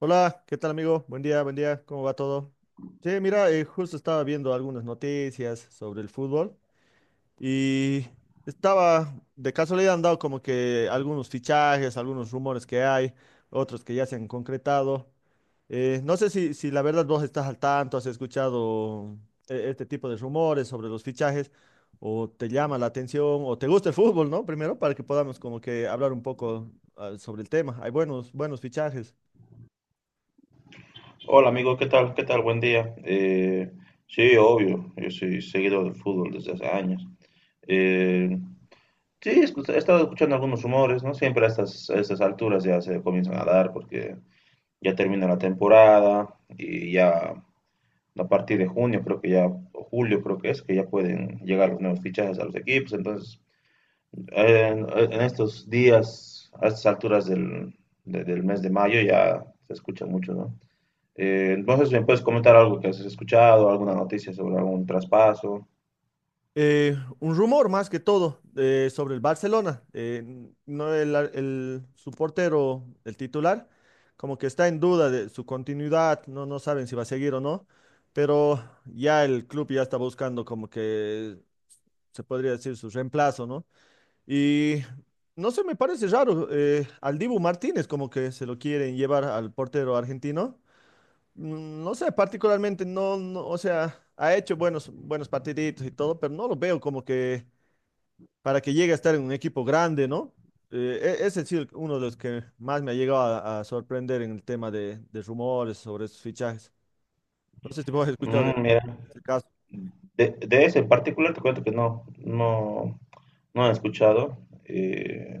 Hola, ¿qué tal amigo? Buen día, ¿cómo va todo? Sí, mira, justo estaba viendo algunas noticias sobre el fútbol y de casualidad han dado como que algunos fichajes, algunos rumores que hay, otros que ya se han concretado. No sé si la verdad vos estás al tanto, has escuchado este tipo de rumores sobre los fichajes o te llama la atención o te gusta el fútbol, ¿no? Primero para que podamos como que hablar un poco sobre el tema. Hay buenos, buenos fichajes. Hola amigo, ¿qué tal? ¿Qué tal? Buen día. Sí, obvio, yo soy seguidor del fútbol desde hace años. Eh, sí, he estado escuchando algunos rumores, ¿no? Siempre a a estas alturas ya se comienzan a dar porque ya termina la temporada y ya a partir de junio creo que ya, o julio creo que es, que ya pueden llegar los nuevos fichajes a los equipos. Entonces, en estos días, a estas alturas del mes de mayo ya se escucha mucho, ¿no? Entonces, ¿me puedes comentar algo que has escuchado, alguna noticia sobre algún traspaso? Un rumor más que todo sobre el Barcelona. No su portero, el titular, como que está en duda de su continuidad, no saben si va a seguir o no, pero ya el club ya está buscando como que se podría decir su reemplazo, ¿no? Y no sé, me parece raro, al Dibu Martínez como que se lo quieren llevar al portero argentino. No sé, particularmente no, o sea, ha hecho buenos, buenos partiditos y todo, pero no lo veo como que para que llegue a estar en un equipo grande, ¿no? Ese sí, uno de los que más me ha llegado a sorprender en el tema de rumores sobre esos fichajes. No sé si vos has escuchado de, Mm, de mira, ese caso. De ese en particular te cuento que no, no he escuchado. Eh,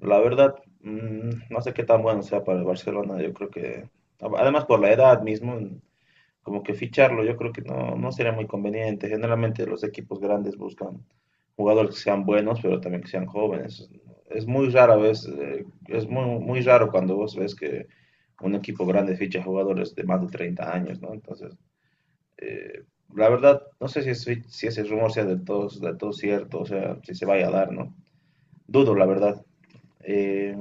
la verdad, mm, no sé qué tan bueno sea para el Barcelona. Yo creo que, además por la edad mismo, como que ficharlo, yo creo que no, no sería muy conveniente. Generalmente los equipos grandes buscan jugadores que sean buenos, pero también que sean jóvenes. Es muy rara vez, es muy, muy raro cuando vos ves que un equipo grande ficha jugadores de más de 30 años, ¿no? Entonces, eh, la verdad, no sé si, si ese rumor sea del todo cierto, o sea, si se vaya a dar, ¿no? Dudo, la verdad. Eh,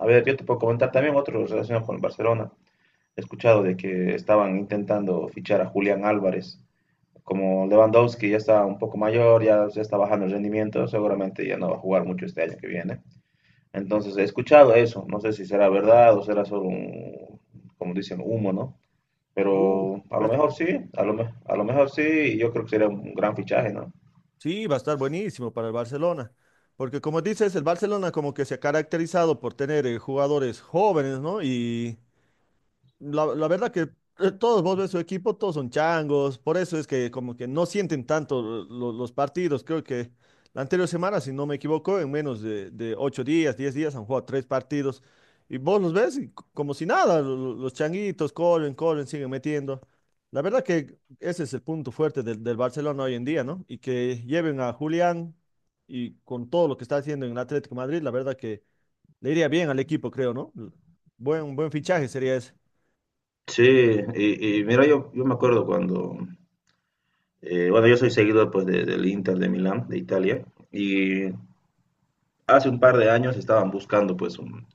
a ver, yo te puedo comentar también otro relacionado con el Barcelona. He escuchado de que estaban intentando fichar a Julián Álvarez, como Lewandowski ya está un poco mayor, ya, ya está bajando el rendimiento, seguramente ya no va a jugar mucho este año que viene. Entonces he escuchado eso, no sé si será verdad o será solo un, como dicen, humo, ¿no? Uh, Pero a lo pues, mejor sí, a a lo mejor sí, y yo creo que sería un gran fichaje, ¿no? sí, va a estar buenísimo para el Barcelona, porque como dices, el Barcelona como que se ha caracterizado por tener jugadores jóvenes, ¿no? Y la verdad que todos vos ves su equipo, todos son changos, por eso es que como que no sienten tanto los partidos. Creo que la anterior semana, si no me equivoco, en menos de 8 días, 10 días han jugado tres partidos y vos los ves y como si nada, los changuitos corren, corren, siguen metiendo. La verdad que ese es el punto fuerte del Barcelona hoy en día, ¿no? Y que lleven a Julián y con todo lo que está haciendo en el Atlético de Madrid, la verdad que le iría bien al equipo, creo, ¿no? Buen, buen fichaje sería ese. Sí, y mira, yo me acuerdo cuando, bueno, yo soy seguidor pues del Inter de Milán, de Italia, y hace un par de años estaban buscando pues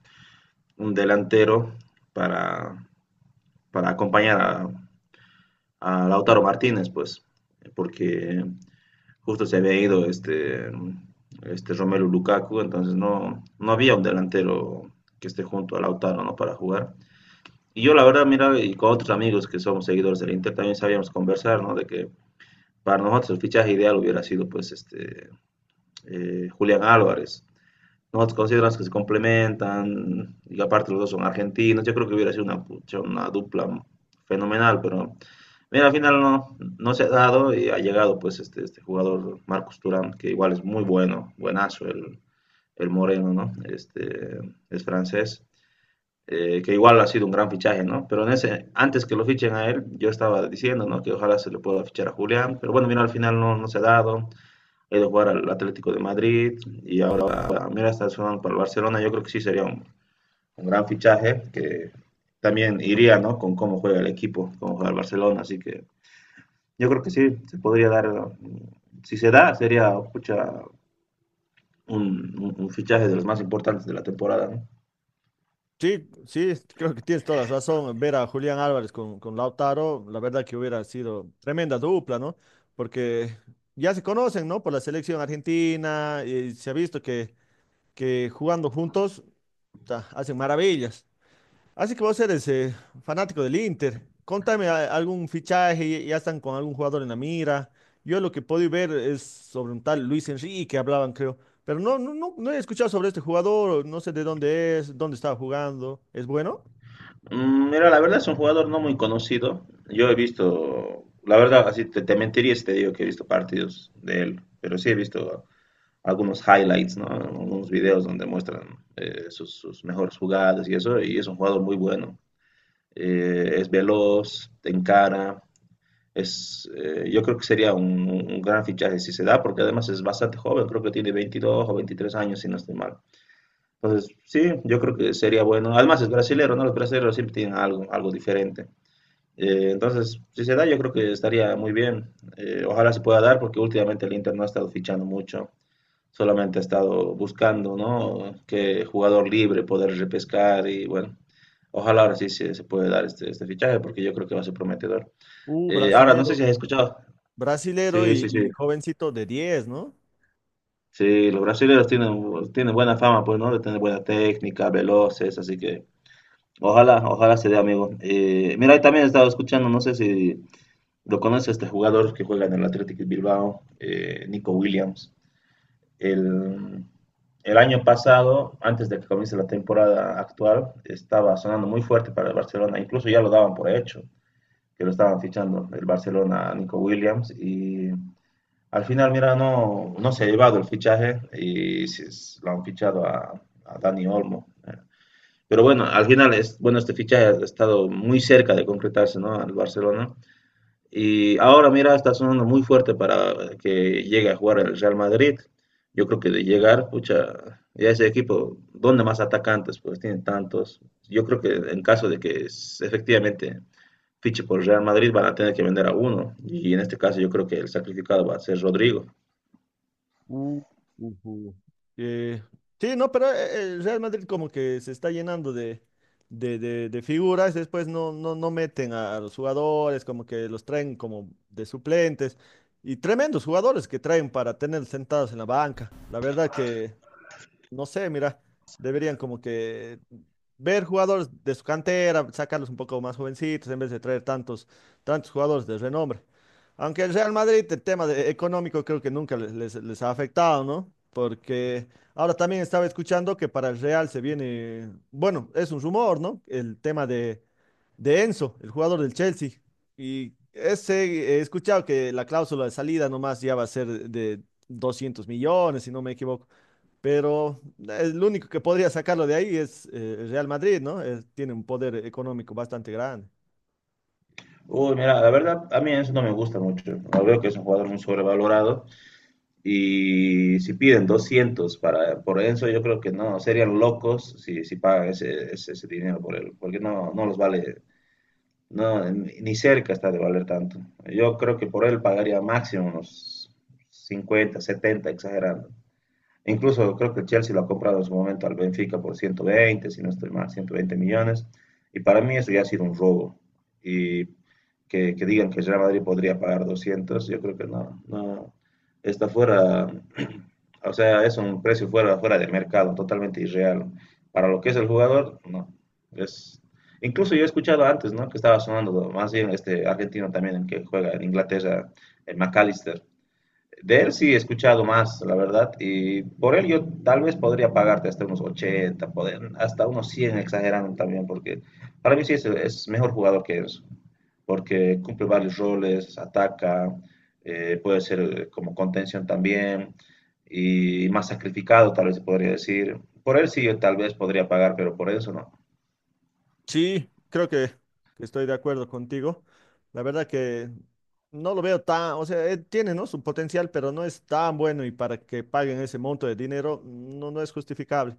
un delantero para, para acompañar a Lautaro Martínez, pues, porque justo se había ido este, este Romelu Lukaku, entonces no, no había un delantero que esté junto a Lautaro, ¿no? Para jugar. Y yo la verdad, mira, y con otros amigos que somos seguidores del Inter también sabíamos conversar, ¿no? De que para nosotros el fichaje ideal hubiera sido, pues, este, Julián Álvarez, nosotros consideramos que se complementan y aparte los dos son argentinos. Yo creo que hubiera sido una, pucha, una dupla fenomenal, pero mira, al final no, no se ha dado y ha llegado pues este jugador Marcos Turán, que igual es muy bueno, buenazo el Moreno, ¿no? Este, es francés. Que igual ha sido un gran fichaje, ¿no? Pero en ese, antes que lo fichen a él, yo estaba diciendo, ¿no? Que ojalá se le pueda fichar a Julián, pero bueno, mira, al final no, no se ha dado he ido a jugar al Atlético de Madrid y ahora mira está sonando para el Barcelona. Yo creo que sí sería un gran fichaje que también iría, ¿no? Con cómo juega el equipo, cómo juega el Barcelona. Así que yo creo que sí, se podría dar. Mm, si se da, sería pucha, un fichaje de los más importantes de la temporada, ¿no? Sí, sí, creo que tienes toda la razón. Ver a Julián Álvarez con Lautaro, la verdad que hubiera sido tremenda dupla, ¿no? Porque ya se conocen, ¿no? Por la selección argentina, y se ha visto que jugando juntos, ta, hacen maravillas. Así que vos eres fanático del Inter. Contame algún fichaje, ya están con algún jugador en la mira. Yo lo que puedo ver es sobre un tal Luis Enrique, hablaban, creo. Pero no he escuchado sobre este jugador, no sé de dónde es, dónde estaba jugando. ¿Es bueno? Mm, mira, la verdad es un jugador no muy conocido. Yo he visto, la verdad, así te mentiría si te digo que he visto partidos de él, pero sí he visto algunos highlights, ¿no? Algunos videos donde muestran sus mejores jugadas y eso, y es un jugador muy bueno. Es veloz, te encara, yo creo que sería un gran fichaje si se da, porque además es bastante joven, creo que tiene 22 o 23 años, si no estoy mal. Entonces, sí, yo creo que sería bueno. Además es brasilero, ¿no? Los brasileños siempre tienen algo, algo diferente. Entonces, si se da, yo creo que estaría muy bien. Ojalá se pueda dar, porque últimamente el Inter no ha estado fichando mucho. Solamente ha estado buscando, ¿no? Que jugador libre poder repescar y bueno, ojalá ahora sí se puede dar este, este fichaje porque yo creo que va a ser prometedor. Ahora, no sé Brasilero, si has escuchado. brasilero Sí, y, sí, sí. y jovencito de 10, ¿no? Sí, los brasileños tienen, tienen buena fama, pues, ¿no? De tener buena técnica, veloces, así que ojalá, ojalá se dé, amigo. Mira, y también he estado escuchando, no sé si lo conoces, este jugador que juega en el Athletic Bilbao, Nico Williams. el, el año pasado, antes de que comience la temporada actual, estaba sonando muy fuerte para el Barcelona, incluso ya lo daban por hecho, que lo estaban fichando el Barcelona a Nico Williams y al final, mira, no, no se ha llevado el fichaje y se, lo han fichado a, Dani Olmo. Pero bueno, al final, es, bueno, este fichaje ha estado muy cerca de concretarse, ¿no? Al Barcelona y ahora, mira, está sonando muy fuerte para que llegue a jugar el Real Madrid. Yo creo que de llegar, pucha, ya ese equipo, ¿dónde más atacantes? Pues tiene tantos. Yo creo que en caso de que efectivamente fiche por Real Madrid, van a tener que vender a uno. Y en este caso, yo creo que el sacrificado va a ser Rodrigo. Uh, Ujú. Eh, sí, no, pero el Real Madrid como que se está llenando de figuras, después no meten a los jugadores, como que los traen como de suplentes, y tremendos jugadores que traen para tener sentados en la banca. La verdad que no sé, mira, deberían como que ver jugadores de su cantera, sacarlos un poco más jovencitos en vez de traer tantos jugadores de renombre. Aunque el Real Madrid, el tema económico creo que nunca les ha afectado, ¿no? Porque ahora también estaba escuchando que para el Real se viene, bueno, es un rumor, ¿no? El tema de Enzo, el jugador del Chelsea. Y ese, he escuchado que la cláusula de salida nomás ya va a ser de 200 millones, si no me equivoco. Pero lo único que podría sacarlo de ahí es el Real Madrid, ¿no? Tiene un poder económico bastante grande. Uy, mira, la verdad, a mí eso no me gusta mucho. Lo veo que es un jugador muy sobrevalorado. Y si piden 200 para, por eso yo creo que no, serían locos si, si pagan ese dinero por él, porque no, no los vale, no, ni cerca está de valer tanto. Yo creo que por él pagaría máximo unos 50 70 exagerando. Incluso creo que el Chelsea lo ha comprado en su momento al Benfica por 120, si no estoy mal, 120 millones. Y para mí eso ya ha sido un robo. Y que digan que Real Madrid podría pagar 200, yo creo que no, no está fuera, o sea, es un precio fuera, fuera de mercado, totalmente irreal. Para lo que es el jugador, no. Es, incluso yo he escuchado antes, ¿no? Que estaba sonando más bien este argentino también, el que juega en Inglaterra, el McAllister de él sí he escuchado más, la verdad, y por él yo tal vez podría pagarte hasta unos 80, poder, hasta unos 100, exagerando también, porque para mí sí es mejor jugador que eso, porque cumple varios roles, ataca, puede ser como contención también, y más sacrificado tal vez se podría decir. Por él sí yo tal vez podría pagar, pero por eso no. Sí, creo que estoy de acuerdo contigo. La verdad que no lo veo tan, o sea, tiene, ¿no? Su potencial, pero no es tan bueno y para que paguen ese monto de dinero no es justificable.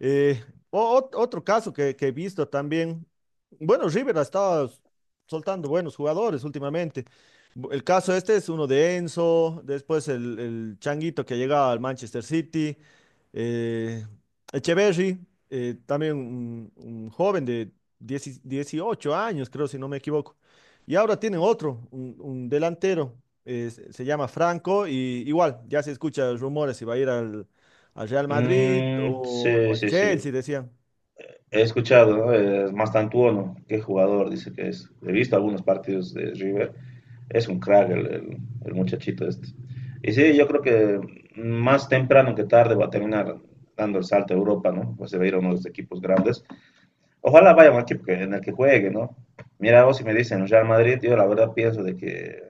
Eh, Otro caso que he visto también, bueno, River ha estado soltando buenos jugadores últimamente. El caso este es uno de Enzo, después el Changuito que llega al Manchester City, eh, Echeverry, también un joven de 10 18 años, creo, si no me equivoco. Y ahora tienen otro, un delantero, se llama Franco, y igual, ya se escuchan rumores si va a ir al Real Madrid Mm, o sí, al sí, sí. Chelsea, decían. He escuchado, ¿no? Mastantuono, qué jugador, dice que es. He visto algunos partidos de River. Es un crack el, el muchachito este. Y sí, yo creo que más temprano que tarde va a terminar dando el salto a Europa, ¿no? Pues se va a ir a uno de los equipos grandes. Ojalá vaya a un equipo en el que juegue, ¿no? Mira, vos si me dicen Real Madrid, yo la verdad pienso de que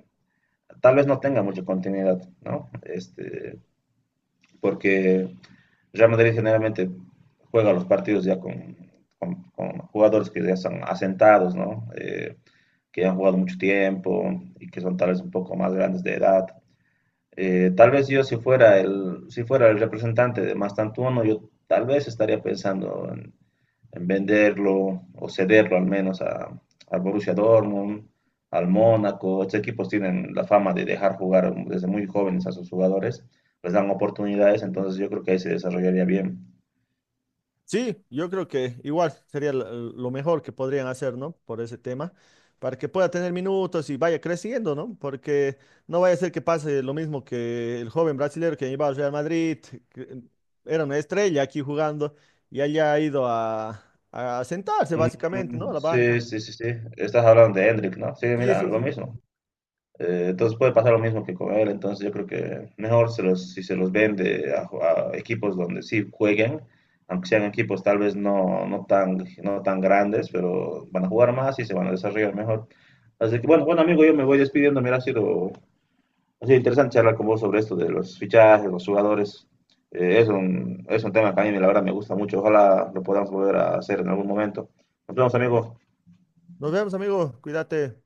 tal vez no tenga mucha continuidad, ¿no? Este, porque Real Madrid generalmente juega los partidos ya con, con jugadores que ya están asentados, ¿no? Que ya han jugado mucho tiempo y que son tal vez un poco más grandes de edad. Tal vez yo si fuera el, si fuera el representante de Mastantuono, yo tal vez estaría pensando en venderlo o cederlo al menos a, al Borussia Dortmund, al Mónaco. Estos equipos tienen la fama de dejar jugar desde muy jóvenes a sus jugadores, les dan oportunidades, entonces yo creo que ahí se desarrollaría bien. Sí, yo creo que igual sería lo mejor que podrían hacer, ¿no? Por ese tema, para que pueda tener minutos y vaya creciendo, ¿no? Porque no vaya a ser que pase lo mismo que el joven brasileño que llevaba al Real Madrid, que era una estrella aquí jugando y haya ido a sentarse básicamente, ¿no? A Mm, la sí, banca. sí, sí, sí. Estás hablando de Hendrik, ¿no? Sí, Sí, mira, sí, lo sí. mismo. Entonces puede pasar lo mismo que con él. Entonces yo creo que mejor se los, si se los vende a equipos donde sí jueguen, aunque sean equipos tal vez no, no, tan, no tan grandes, pero van a jugar más y se van a desarrollar mejor. Así que bueno, bueno amigo, yo me voy despidiendo. Mira, ha sido interesante charlar con vos sobre esto de los fichajes, los jugadores. Es, un, es un tema que a mí la verdad me gusta mucho. Ojalá lo podamos volver a hacer en algún momento. Nos vemos amigos. Nos vemos, amigo. Cuídate.